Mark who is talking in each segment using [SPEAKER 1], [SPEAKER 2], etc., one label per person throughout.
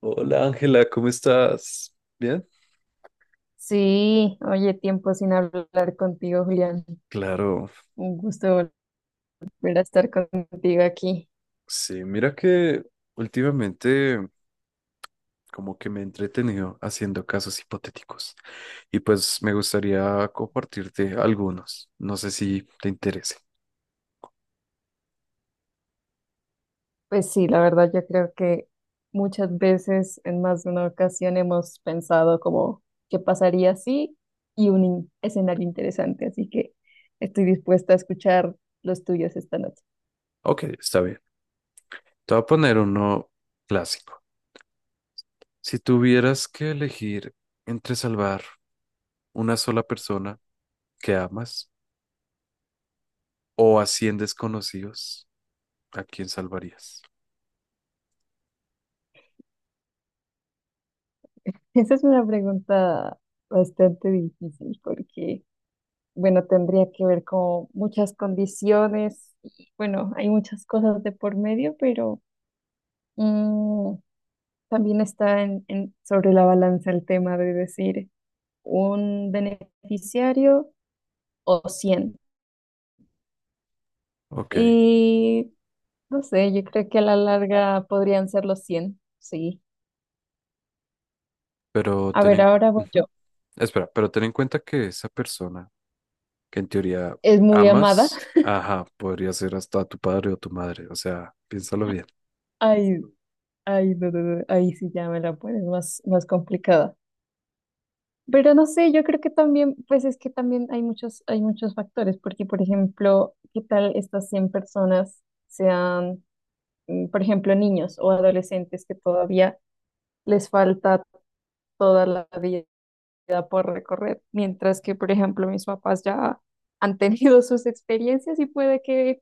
[SPEAKER 1] Hola Ángela, ¿cómo estás? ¿Bien?
[SPEAKER 2] Sí, oye, tiempo sin hablar contigo, Julián.
[SPEAKER 1] Claro,
[SPEAKER 2] Un gusto volver a estar contigo aquí.
[SPEAKER 1] sí, mira que últimamente como que me he entretenido haciendo casos hipotéticos y pues me gustaría compartirte algunos, no sé si te interese.
[SPEAKER 2] Pues sí, la verdad, yo creo que muchas veces, en más de una ocasión, hemos pensado como qué pasaría si y un escenario interesante. Así que estoy dispuesta a escuchar los tuyos esta noche.
[SPEAKER 1] Ok, está bien. Te voy a poner uno clásico. Si tuvieras que elegir entre salvar una sola persona que amas o a 100 desconocidos, ¿a quién salvarías?
[SPEAKER 2] Esa es una pregunta bastante difícil porque, bueno, tendría que ver con muchas condiciones y, bueno, hay muchas cosas de por medio, pero... Mm, también está sobre la balanza el tema de decir un beneficiario o 100.
[SPEAKER 1] Ok,
[SPEAKER 2] Y no sé, yo creo que a la larga podrían ser los 100, sí.
[SPEAKER 1] pero
[SPEAKER 2] A
[SPEAKER 1] ten
[SPEAKER 2] ver,
[SPEAKER 1] en...
[SPEAKER 2] ahora voy yo.
[SPEAKER 1] ujú. Espera, pero ten en cuenta que esa persona que en teoría
[SPEAKER 2] Es muy amada.
[SPEAKER 1] amas, ajá, podría ser hasta tu padre o tu madre, o sea, piénsalo bien,
[SPEAKER 2] Ay, ay, no, no, no, ahí sí ya me la pones más complicada. Pero no sé, yo creo que también, pues es que también hay muchos factores, porque por ejemplo, ¿qué tal estas 100 personas sean, por ejemplo, niños o adolescentes que todavía les falta toda la vida por recorrer, mientras que, por ejemplo, mis papás ya han tenido sus experiencias y puede que,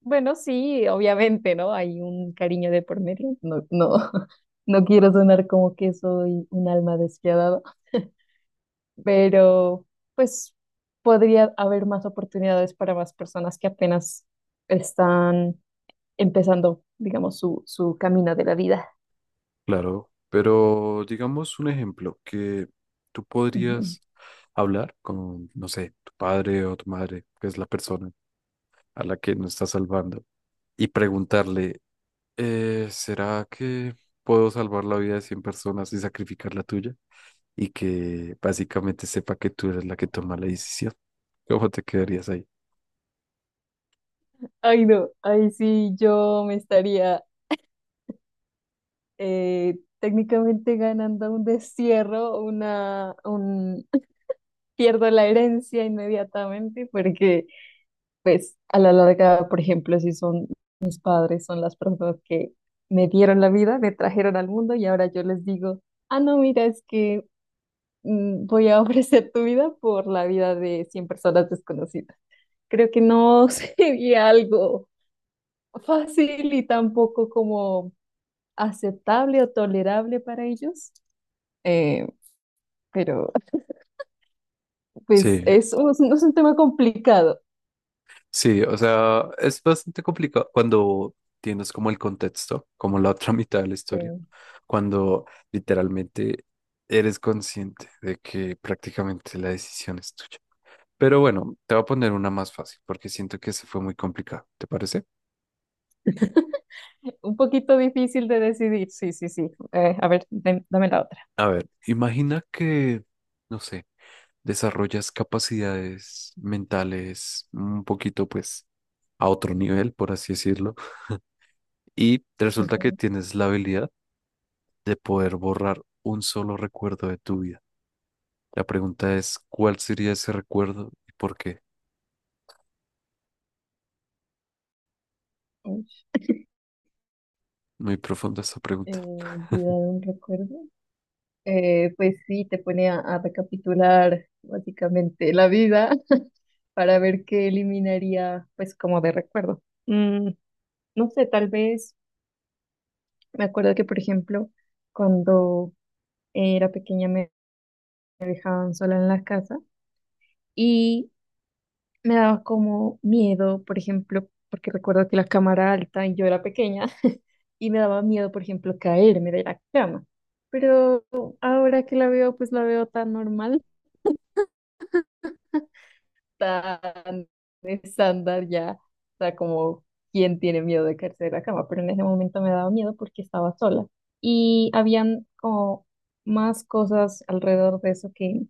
[SPEAKER 2] bueno, sí, obviamente, ¿no? Hay un cariño de por medio, no, no, no quiero sonar como que soy un alma despiadada, pero pues podría haber más oportunidades para más personas que apenas están empezando, digamos, su camino de la vida.
[SPEAKER 1] claro, pero digamos un ejemplo que tú podrías hablar con, no sé, tu padre o tu madre, que es la persona a la que no estás salvando, y preguntarle, ¿será que puedo salvar la vida de 100 personas y sacrificar la tuya? Y que básicamente sepa que tú eres la que toma la decisión. ¿Cómo te quedarías ahí?
[SPEAKER 2] Ay, no, ahí sí yo me estaría, técnicamente ganando un destierro, pierdo la herencia inmediatamente porque, pues, a la larga, por ejemplo, si son mis padres, son las personas que me dieron la vida, me trajeron al mundo y ahora yo les digo, ah, no, mira, es que voy a ofrecer tu vida por la vida de 100 personas desconocidas. Creo que no sería algo fácil y tampoco como aceptable o tolerable para ellos. Eh, pero pues
[SPEAKER 1] Sí,
[SPEAKER 2] es un tema complicado.
[SPEAKER 1] sí, o sea, es bastante complicado cuando tienes como el contexto, como la otra mitad de la
[SPEAKER 2] Sí.
[SPEAKER 1] historia, cuando literalmente eres consciente de que prácticamente la decisión es tuya. Pero bueno, te voy a poner una más fácil porque siento que se fue muy complicado, ¿te parece?
[SPEAKER 2] Un poquito difícil de decidir. Sí, sí, sí. A ver, dame la otra.
[SPEAKER 1] A ver, imagina que, no sé, desarrollas capacidades mentales un poquito pues a otro nivel, por así decirlo, y resulta que
[SPEAKER 2] Ujú.
[SPEAKER 1] tienes la habilidad de poder borrar un solo recuerdo de tu vida. La pregunta es, ¿cuál sería ese recuerdo y por qué?
[SPEAKER 2] Uy,
[SPEAKER 1] Muy profunda esta pregunta.
[SPEAKER 2] olvidado un recuerdo. Pues sí, te pone a recapitular básicamente la vida para ver qué eliminaría, pues como de recuerdo. Mm, no sé, tal vez me acuerdo que, por ejemplo, cuando era pequeña me dejaban sola en la casa y me daba como miedo, por ejemplo, porque recuerdo que la cama era alta y yo era pequeña y me daba miedo, por ejemplo, caerme de la cama. Pero ahora que la veo, pues la veo tan normal, tan estándar ya, o sea, como quién tiene miedo de caerse de la cama, pero en ese momento me daba miedo porque estaba sola y habían como más cosas alrededor de eso que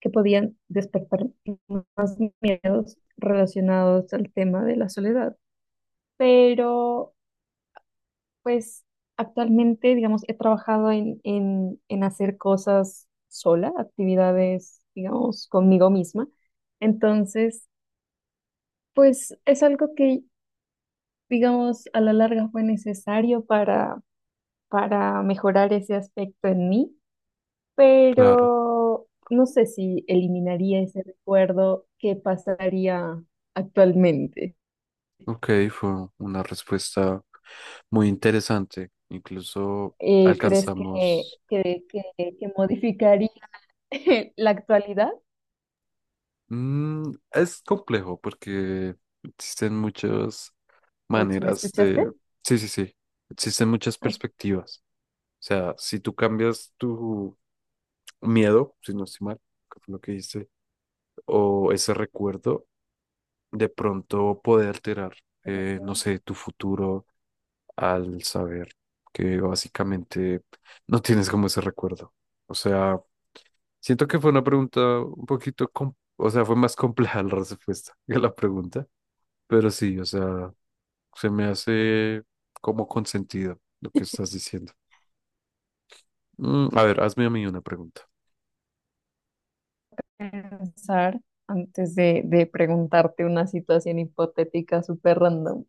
[SPEAKER 2] que podían despertar más miedos relacionados al tema de la soledad. Pero pues actualmente, digamos, he trabajado en hacer cosas sola, actividades, digamos, conmigo misma. Entonces, pues es algo que, digamos, a la larga fue necesario para mejorar ese aspecto en mí,
[SPEAKER 1] Claro,
[SPEAKER 2] pero no sé si eliminaría ese recuerdo. ¿Qué pasaría actualmente?
[SPEAKER 1] ok, fue una respuesta muy interesante. Incluso
[SPEAKER 2] ¿Crees que,
[SPEAKER 1] alcanzamos...
[SPEAKER 2] que modificaría la actualidad?
[SPEAKER 1] Mm, es complejo porque existen muchas
[SPEAKER 2] Coach, ¿me
[SPEAKER 1] maneras
[SPEAKER 2] escuchaste?
[SPEAKER 1] de... Sí, sí, sí. Existen muchas
[SPEAKER 2] Así,
[SPEAKER 1] perspectivas. O sea, si tú cambias tu miedo, si no estoy mal, que fue lo que hice, o ese recuerdo de pronto puede alterar,
[SPEAKER 2] ujú.
[SPEAKER 1] no sé, tu futuro al saber que básicamente no tienes como ese recuerdo. O sea, siento que fue una pregunta un poquito, o sea, fue más compleja la respuesta que la pregunta, pero sí, o sea, se me hace como consentido lo que estás diciendo. Mm, a ver, hazme a mí una pregunta.
[SPEAKER 2] Pensar antes de preguntarte una situación hipotética súper random.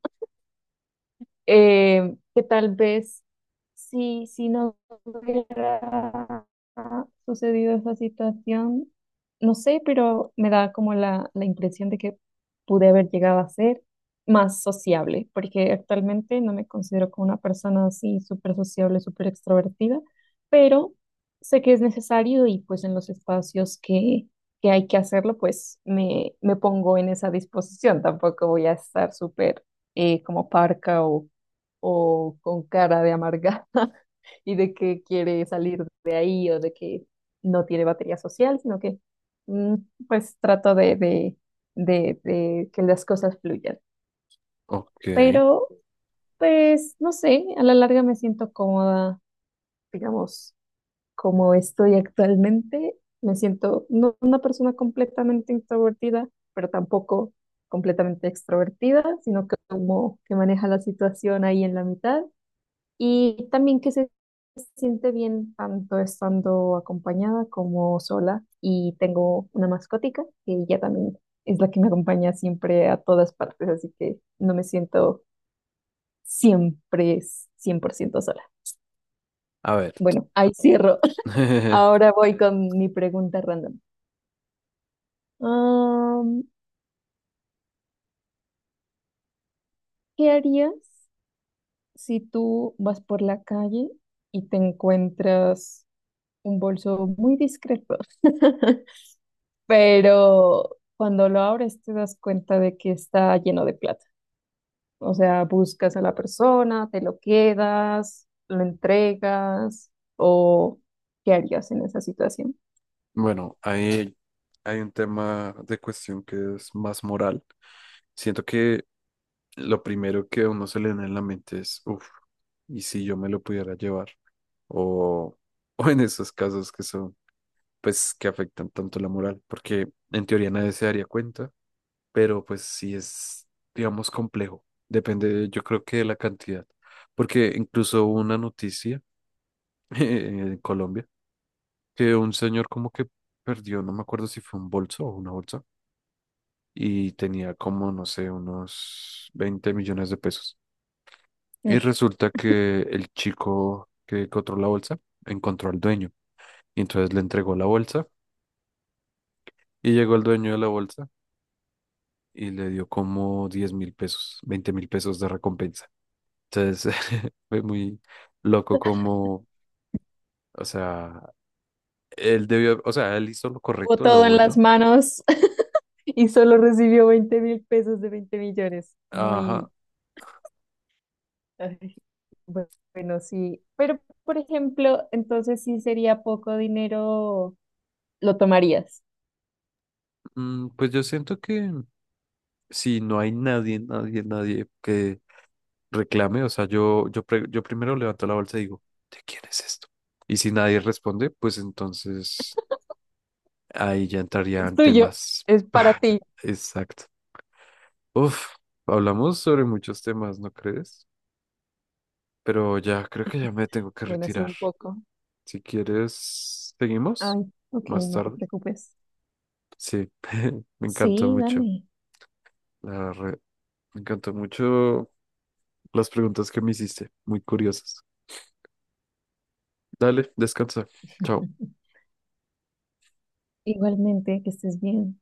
[SPEAKER 2] Que tal vez si no hubiera sucedido esa situación, no sé, pero me da como la impresión de que pude haber llegado a ser más sociable, porque actualmente no me considero como una persona así súper sociable, súper extrovertida, pero sé que es necesario y pues en los espacios que hay que hacerlo, pues me pongo en esa disposición. Tampoco voy a estar súper como parca o con cara de amargada y de que quiere salir de ahí o de que no tiene batería social, sino que mm, pues trato de que las cosas fluyan.
[SPEAKER 1] Ok,
[SPEAKER 2] Pero pues no sé, a la larga me siento cómoda, digamos, como estoy actualmente, me siento no una persona completamente introvertida, pero tampoco completamente extrovertida, sino que como que maneja la situación ahí en la mitad. Y también que se siente bien tanto estando acompañada como sola y tengo una mascotica que ella también es la que me acompaña siempre a todas partes, así que no me siento siempre 100% sola.
[SPEAKER 1] a ver.
[SPEAKER 2] Bueno, ahí cierro. Ahora voy con mi pregunta random. Am, ¿Qué harías si tú vas por la calle y te encuentras un bolso muy discreto? Pero cuando lo abres te das cuenta de que está lleno de plata. O sea, ¿buscas a la persona, te lo quedas, lo entregas, o qué harías en esa situación?
[SPEAKER 1] Bueno, hay un tema de cuestión que es más moral. Siento que lo primero que a uno se le viene en la mente es, uff, ¿y si yo me lo pudiera llevar? O, o en esos casos que son, pues, que afectan tanto la moral, porque en teoría nadie se daría cuenta, pero pues sí es, digamos, complejo. Depende, yo creo que de la cantidad, porque incluso hubo una noticia en Colombia que un señor como que perdió, no me acuerdo si fue un bolso o una bolsa y tenía como, no sé, unos 20 millones de pesos. Y
[SPEAKER 2] Uy,
[SPEAKER 1] resulta que el chico que encontró la bolsa encontró al dueño y entonces le entregó la bolsa y llegó el dueño de la bolsa y le dio como 10.000 pesos, 20.000 pesos de recompensa. Entonces fue muy loco como, o sea, él debió, o sea, él hizo lo
[SPEAKER 2] tuvo
[SPEAKER 1] correcto, lo
[SPEAKER 2] todo en las
[SPEAKER 1] bueno.
[SPEAKER 2] manos y solo recibió 20.000 pesos de 20 millones.
[SPEAKER 1] Ajá,
[SPEAKER 2] Muy, ay, bu- bueno, sí. Pero, por ejemplo, entonces sí sería poco dinero, lo tomarías.
[SPEAKER 1] mm, pues yo siento que si no hay nadie, nadie, nadie que reclame, o sea, yo primero levanto la bolsa y digo, ¿de quién es esto? Y si nadie responde, pues entonces ahí ya
[SPEAKER 2] Es
[SPEAKER 1] entrarían
[SPEAKER 2] tuyo,
[SPEAKER 1] temas.
[SPEAKER 2] es para ti.
[SPEAKER 1] Exacto. Uf, hablamos sobre muchos temas, ¿no crees? Pero ya creo que ya me tengo que
[SPEAKER 2] Bueno, sí,
[SPEAKER 1] retirar.
[SPEAKER 2] un poco.
[SPEAKER 1] Si quieres, seguimos
[SPEAKER 2] Ay, ok,
[SPEAKER 1] más
[SPEAKER 2] no te
[SPEAKER 1] tarde.
[SPEAKER 2] preocupes.
[SPEAKER 1] Sí, me encantó
[SPEAKER 2] Sí,
[SPEAKER 1] mucho.
[SPEAKER 2] dale.
[SPEAKER 1] la re- Me encantó mucho las preguntas que me hiciste, muy curiosas. Dale, descansa. Chao.
[SPEAKER 2] Igualmente, que estés bien.